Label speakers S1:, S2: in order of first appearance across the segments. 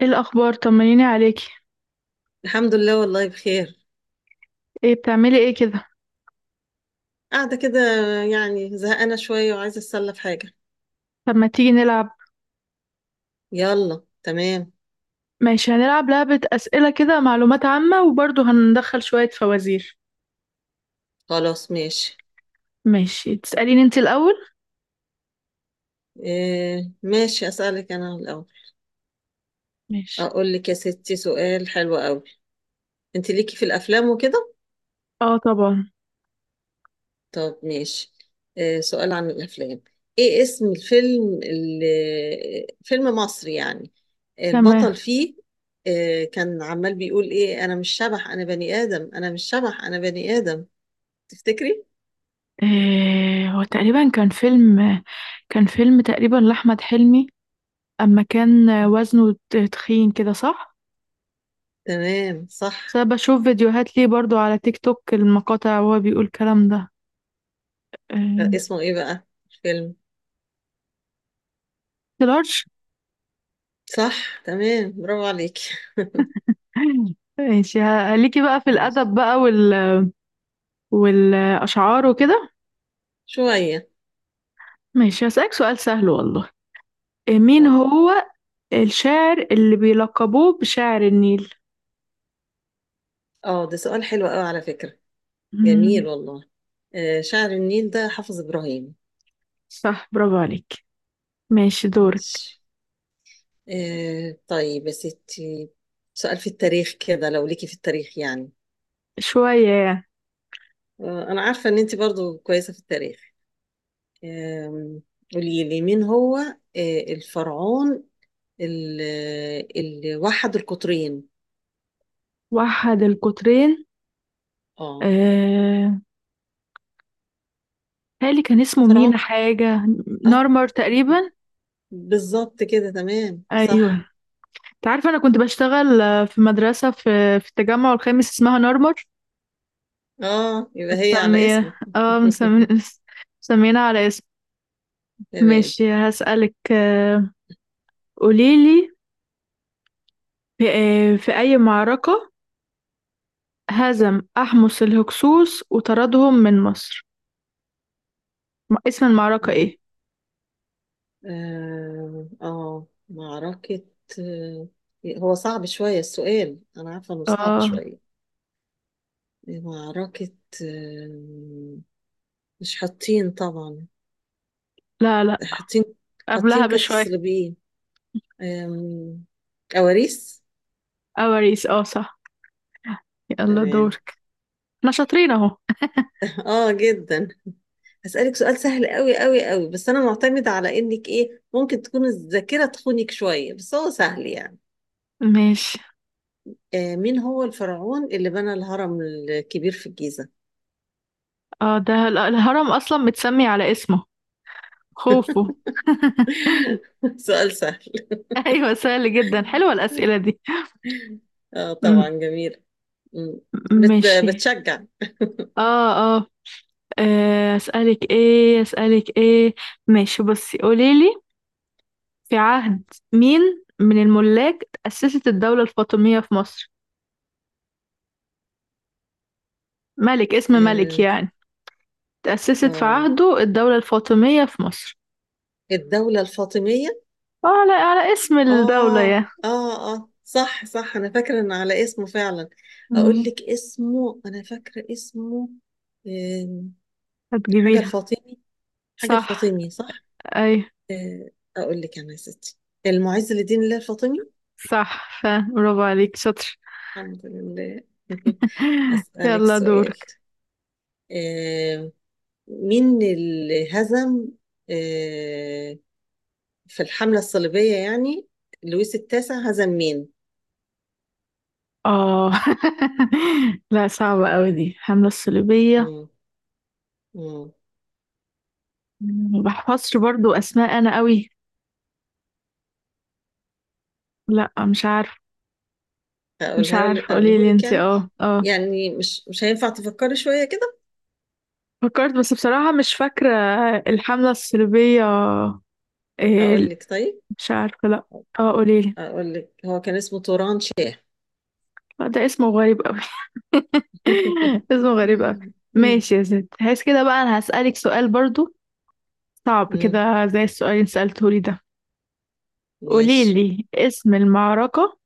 S1: ايه الاخبار؟ طمنيني عليكي.
S2: الحمد لله، والله بخير.
S1: ايه بتعملي ايه كده؟
S2: قاعدة كده، يعني زهقانة شوية وعايزة أتسلى في حاجة.
S1: طب ما تيجي نلعب؟
S2: يلا تمام.
S1: ماشي، هنلعب لعبة اسئلة كده، معلومات عامة وبرضه هندخل شوية فوازير.
S2: خلاص ماشي.
S1: ماشي، تسأليني انت الاول.
S2: إيه ماشي، أسألك أنا الأول.
S1: ماشي.
S2: أقول لك يا ستي سؤال حلو قوي. أنت ليكي في الأفلام وكده؟
S1: اه طبعا.
S2: طب ماشي، إيه سؤال عن الأفلام. إيه اسم الفيلم اللي، فيلم مصري يعني،
S1: تمام.
S2: البطل فيه إيه كان عمال بيقول؟ إيه أنا مش شبح، أنا بني آدم، أنا مش شبح، أنا بني آدم. تفتكري؟
S1: إيه، هو تقريبا كان فيلم تقريبا لأحمد حلمي. اما كان وزنه تخين كده، صح؟
S2: تمام
S1: بس
S2: صح.
S1: أنا بشوف فيديوهات ليه برضه على تيك توك المقاطع، وهو بيقول الكلام ده. إيه؟
S2: اسمه ايه بقى الفيلم؟
S1: لارج.
S2: صح تمام، برافو عليك.
S1: ماشي، ليكي بقى في
S2: ماشي.
S1: الأدب بقى والأشعار وكده؟
S2: شوية.
S1: ماشي، هسألك سؤال سهل والله. مين
S2: طب
S1: هو الشاعر اللي بيلقبوه بشاعر النيل؟
S2: اه، ده سؤال حلو قوي على فكرة، جميل
S1: مم.
S2: والله. آه، شاعر النيل ده حافظ إبراهيم.
S1: صح، برافو عليك. ماشي دورك.
S2: ماشي. آه طيب يا ستي، سؤال في التاريخ كده، لو ليكي في التاريخ يعني.
S1: شوية يعني.
S2: آه، أنا عارفة إن أنت برضو كويسة في التاريخ. آم، قولي لي مين هو الفرعون اللي وحد القطرين.
S1: وحد القطرين.
S2: اه،
S1: آه... هالي كان اسمه
S2: فرعون.
S1: مينا حاجة.
S2: اه،
S1: نارمر تقريبا.
S2: بالظبط كده تمام
S1: أيوه.
S2: صح.
S1: انت عارفة أنا كنت بشتغل في مدرسة في التجمع الخامس اسمها نارمر.
S2: اه، يبقى هي على اسمه.
S1: مسمية. مسمينا على اسم.
S2: تمام.
S1: ماشي هسألك. قوليلي، في أي معركة هزم أحمس الهكسوس وطردهم من مصر؟ اسم المعركة إيه؟
S2: اه. معركة. آه، هو صعب شوية السؤال، أنا عارفة إنه صعب
S1: آه،
S2: شوية. معركة. آه، مش حاطين طبعا.
S1: لا لا،
S2: حاطين.
S1: قبلها
S2: حاطين كانت
S1: بشوية.
S2: الصليبيين. آم، كواريس.
S1: أواريس، صح. يلا
S2: تمام.
S1: دورك. احنا شاطرين أهو.
S2: اه جدا. هسألك سؤال سهل قوي قوي قوي، بس أنا معتمدة على إنك إيه ممكن تكون الذاكرة تخونك شوية، بس هو سهل يعني.
S1: ماشي.
S2: آه، مين هو الفرعون اللي بنى الهرم الكبير في الجيزة؟
S1: ده الهرم أصلا متسمي على اسمه، خوفو.
S2: سؤال سهل.
S1: أيوة سهل جدا، حلوة الأسئلة دي.
S2: آه
S1: م-
S2: طبعا، جميل. مم. بت
S1: ماشي.
S2: بتشجع.
S1: آه آه أسألك إيه؟ ماشي، بصي قوليلي. في عهد مين من الملاك تأسست الدولة الفاطمية في مصر؟ ملك، اسم ملك
S2: آه.
S1: يعني، تأسست في
S2: آه،
S1: عهده الدولة الفاطمية في مصر.
S2: الدولة الفاطمية.
S1: على اسم الدولة،
S2: آه.
S1: يا...
S2: آه آه، صح صح، أنا فاكرة إن على اسمه فعلا. أقول
S1: مم.
S2: لك اسمه، أنا فاكرة اسمه آه، حاجة
S1: هتجيبيها.
S2: الفاطمي. حاجة
S1: صح.
S2: الفاطمي صح.
S1: أي.
S2: آه، أقول لك أنا يا ستي، المعز لدين الله الفاطمي.
S1: صح. برافو عليك، شاطر.
S2: الحمد لله. أسألك
S1: يلا
S2: سؤال.
S1: دورك.
S2: آه، مين اللي هزم آه، في الحملة الصليبية يعني، لويس التاسع هزم مين؟
S1: اه. لا صعبة قوي دي، حملة الصليبية.
S2: مم. مم.
S1: ما بحفظش برضو أسماء أنا قوي. لا مش عارفة. مش
S2: هقولها لك،
S1: عارفة، قولي
S2: أقوله
S1: لي
S2: لك
S1: انت،
S2: يعني،
S1: اه.
S2: يعني مش هينفع تفكري شوية كده؟
S1: فكرت بس بصراحة مش فاكرة. الحملة الصليبية،
S2: أقول
S1: إيه؟
S2: لك طيب.
S1: مش عارفة، لأ. اه قوليلي.
S2: أقول لك هو كان اسمه توران شاه.
S1: ده اسمه غريب أوي. اسمه غريب أوي.
S2: مم.
S1: ماشي يا ست، هس كده بقى، أنا هسألك سؤال برضو صعب
S2: مم.
S1: كده زي السؤال اللي سألتهولي ده.
S2: ماشي.
S1: قوليلي اسم المعركة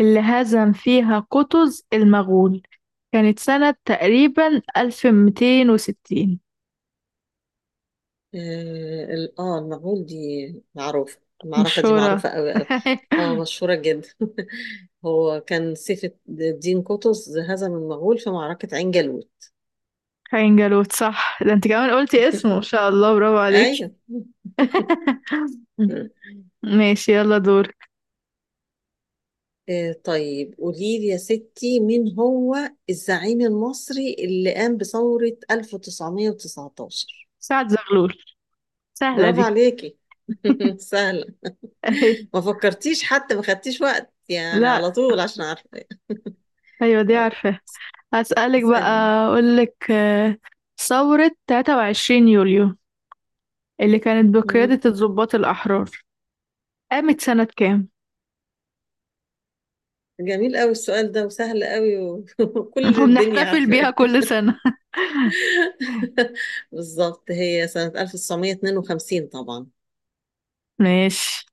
S1: اللي هزم فيها قطز المغول، كانت سنة تقريبا 1260.
S2: اه المغول، دي معروفة،
S1: مش
S2: المعركة دي
S1: شورى؟
S2: معروفة قوي قوي. اه، مشهورة جدا. هو كان سيف الدين قطز هزم المغول في معركة عين جالوت.
S1: خاين جالوت، صح. ده انت كمان قلتي اسمه، ما شاء الله، برافو عليك.
S2: ايوه. مم.
S1: ماشي، يلا دورك.
S2: آه طيب، قولي لي يا ستي، مين هو الزعيم المصري اللي قام بثورة 1919؟
S1: سعد زغلول، سهلة
S2: برافو
S1: دي.
S2: عليكي. سهلة.
S1: اهي.
S2: ما فكرتيش حتى، ما خدتيش وقت يعني، على
S1: لا
S2: طول عشان عارفة.
S1: ايوه دي
S2: طيب،
S1: عارفة. هسألك بقى.
S2: اسألني.
S1: اقولك، ثورة 23 يوليو اللي كانت
S2: مم.
S1: بقيادة الضباط الأحرار قامت سنة كام؟
S2: جميل قوي السؤال ده وسهل قوي وكل الدنيا
S1: وبنحتفل بيها
S2: عارفاه.
S1: كل سنة.
S2: بالظبط، هي سنة 1952 طبعا.
S1: ماشي،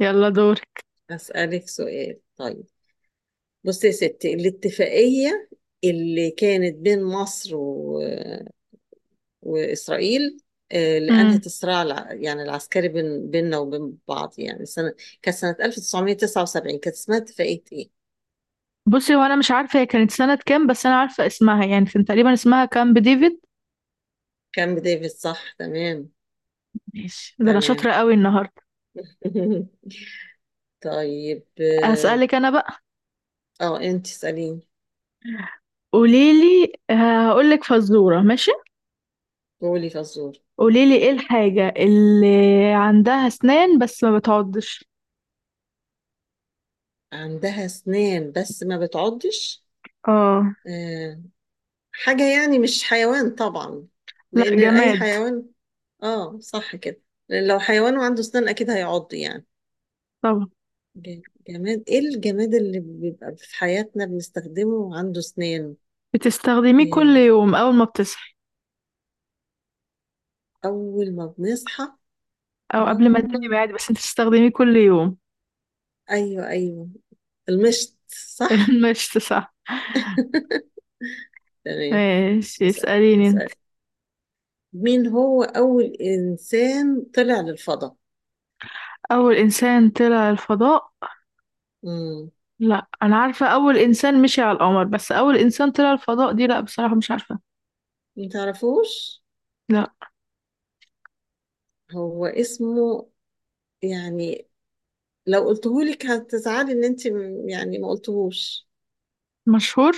S1: يلا دورك.
S2: هسألك سؤال طيب. بصي يا ستي، الاتفاقية اللي كانت بين مصر و... وإسرائيل، اللي
S1: امم،
S2: أنهت الصراع الع... يعني العسكري بين... بيننا وبين بعض يعني، سنة كانت سنة 1979، كانت اسمها اتفاقية إيه؟
S1: بصي، وانا مش عارفة هي كانت سنة كام، بس انا عارفة اسمها، يعني كان تقريبا اسمها كامب ديفيد.
S2: كامب ديفيد، صح تمام.
S1: ماشي، ده انا
S2: تمام.
S1: شاطرة قوي النهاردة.
S2: طيب اه.
S1: هسألك انا بقى.
S2: آه، انت اسأليني.
S1: قوليلي هقولك فزورة، ماشي.
S2: بولي فزور.
S1: قوليلي ايه الحاجة اللي عندها اسنان بس ما بتعضش؟
S2: عندها اسنان بس ما بتعضش؟
S1: اه.
S2: آه، حاجة يعني مش حيوان طبعا،
S1: لا،
S2: لان اي
S1: جماد.
S2: حيوان، اه صح كده، لأن لو حيوان وعنده اسنان اكيد هيعض يعني.
S1: طبعا.
S2: ج- جماد. ايه الجماد اللي بيبقى في حياتنا بنستخدمه وعنده اسنان؟
S1: بتستخدميه كل
S2: آه،
S1: يوم اول ما بتصحي،
S2: اول ما بنصحى.
S1: او قبل ما
S2: اه،
S1: تنامي عادي، بس انت بتستخدميه كل يوم.
S2: ايوه، المشط صح.
S1: المشط، صح.
S2: تمام.
S1: ماشي،
S2: اسال
S1: اسأليني انت.
S2: اسال مين هو اول انسان طلع للفضاء؟
S1: اول انسان طلع الفضاء؟
S2: مم.
S1: لا، انا عارفة اول انسان مشي على القمر، بس اول انسان طلع الفضاء دي لا بصراحة مش عارفة.
S2: متعرفوش؟
S1: لا.
S2: هو اسمه يعني، لو قلتهولك هتزعلي ان انت يعني ما قلتهوش.
S1: مشهور؟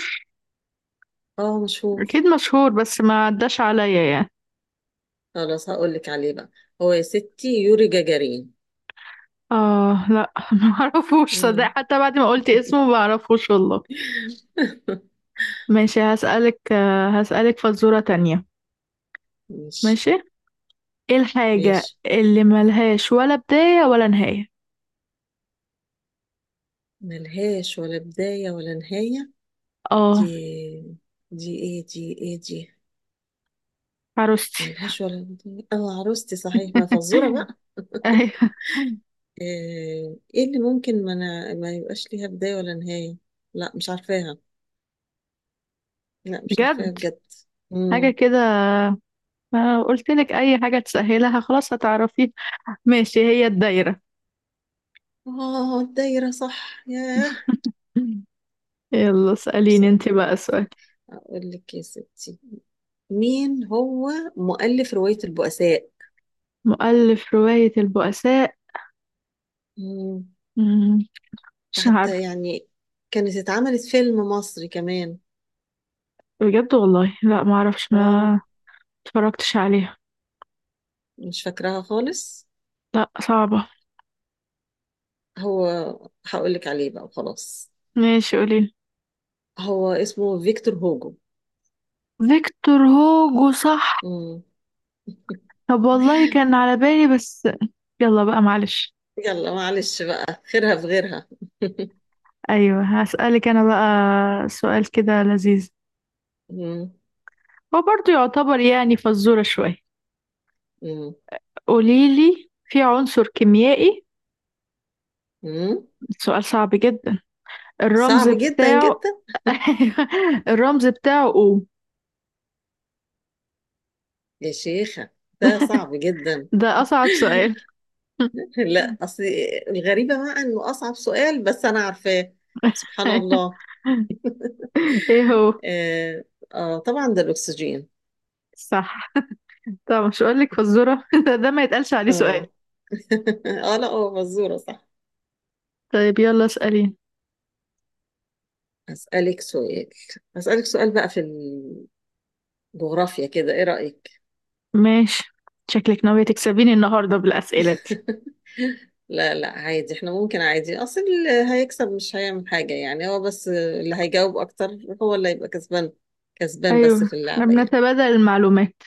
S2: اه مشهور.
S1: اكيد مشهور بس ما عداش عليا يعني.
S2: خلاص، هقولك عليه بقى. هو يا ستي يوري جاجارين.
S1: اه لا، ما اعرفوش، صدق
S2: مم.
S1: حتى بعد ما قلت اسمه ما اعرفوش والله. ماشي، هسألك فزورة تانية.
S2: ماشي.
S1: ماشي. ايه الحاجة
S2: ماشي.
S1: اللي ملهاش ولا بداية ولا نهاية؟
S2: ملهاش ولا بداية ولا نهاية؟ دي،
S1: اه
S2: دي ايه دي؟
S1: عروستي.
S2: ملهاش ولا بداية، اه، عروستي صحيح، ما فزورة بقى.
S1: ايوه.
S2: آه، ايه اللي ممكن ما يبقاش ليها بداية ولا نهاية؟ لا مش عارفاها. لا مش
S1: بجد.
S2: عارفاها بجد.
S1: حاجة
S2: امم.
S1: كده. ما قلت لك اي حاجة تسهلها خلاص هتعرفيها. ماشي، هي الدايرة.
S2: اه، الدايرة صح، ياه.
S1: يلا اسأليني انت
S2: بس
S1: بقى سؤال.
S2: اقول لك يا ستي، مين هو مؤلف رواية البؤساء؟
S1: مؤلف رواية البؤساء؟
S2: امم.
S1: مم، مش عارفة.
S2: حتى يعني كانت اتعملت فيلم مصري كمان.
S1: بجد والله، لا ما اعرفش،
S2: اه،
S1: ما اتفرجتش عليها.
S2: مش فاكراها خالص.
S1: لا صعبة.
S2: هو هقول لك عليه بقى وخلاص.
S1: ماشي قوليلي.
S2: هو اسمه فيكتور هوجو.
S1: فيكتور هوجو، صح.
S2: امم.
S1: طب والله كان على بالي بس. يلا بقى معلش.
S2: يلا معلش بقى، خيرها في غيرها.
S1: ايوه هسألك انا بقى سؤال كده لذيذ.
S2: مم.
S1: هو برضو يعتبر يعني فزورة شوية.
S2: مم.
S1: قوليلي، في عنصر كيميائي،
S2: مم.
S1: سؤال صعب جدا، الرمز
S2: صعب جدا
S1: بتاعه...
S2: جدا.
S1: الرمز بتاعه O.
S2: يا شيخة، ده صعب جدا.
S1: ده أصعب سؤال.
S2: لا اصل، الغريبة بقى انه اصعب سؤال بس انا عارفاه. سبحان الله.
S1: ايه هو؟
S2: آه، اه طبعا ده الاكسجين.
S1: صح. طب مش هقول لك فزورة، ده ما يتقالش عليه سؤال.
S2: اه. اه لا، هو مزورة صح.
S1: طيب يلا اسأليني.
S2: اسألك سؤال. اسألك سؤال بقى في الجغرافيا كده، ايه رأيك؟
S1: ماشي. شكلك ناوية تكسبيني النهاردة بالأسئلة دي.
S2: لا عادي، احنا ممكن عادي، اصل اللي هيكسب مش هيعمل حاجة يعني، هو بس اللي هيجاوب اكتر هو اللي هيبقى كسبان، كسبان بس
S1: أيوه
S2: في
S1: احنا
S2: اللعبة يعني.
S1: بنتبادل المعلومات.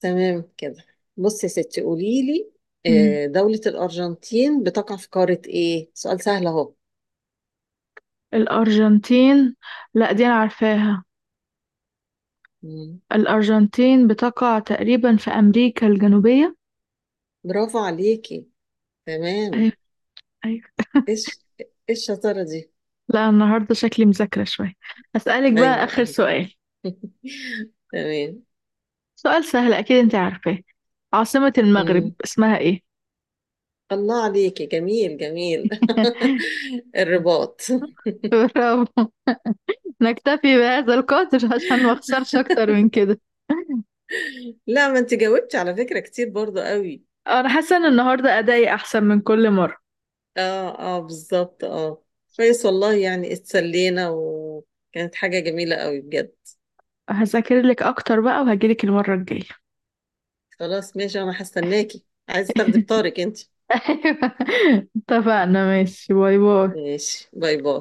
S2: تمام كده. بصي يا ستي، قولي لي،
S1: مم.
S2: آه، دولة الأرجنتين بتقع في قارة إيه؟ سؤال سهل أهو.
S1: الأرجنتين. لا دي أنا عارفاها.
S2: مم.
S1: الأرجنتين بتقع تقريبا في أمريكا الجنوبية.
S2: برافو عليكي، تمام.
S1: أيوه أيوه.
S2: إيش، إيش الشطارة دي؟
S1: لا النهاردة شكلي مذاكرة شوية. هسألك بقى
S2: أيوه
S1: آخر
S2: أيوه.
S1: سؤال.
S2: تمام.
S1: سؤال سهل أكيد أنت عارفاه. عاصمة المغرب
S2: مم.
S1: اسمها إيه؟
S2: الله عليكي، جميل جميل. الرباط.
S1: برافو. نكتفي بهذا القدر عشان ما اخسرش اكتر من كده.
S2: لا، ما أنت جاوبتي على فكرة كتير برضو قوي.
S1: انا حاسه ان النهارده ادائي احسن من كل مره.
S2: آه آه بالظبط آه. كويس والله، يعني اتسلينا وكانت حاجة جميلة قوي بجد.
S1: هذاكر لك اكتر بقى وهجيلك المره الجايه.
S2: خلاص ماشي، انا هستناكي. عايز تاخدي بطارق انت؟
S1: ايوه اتفقنا، ماشي، باي باي.
S2: ماشي، باي باي.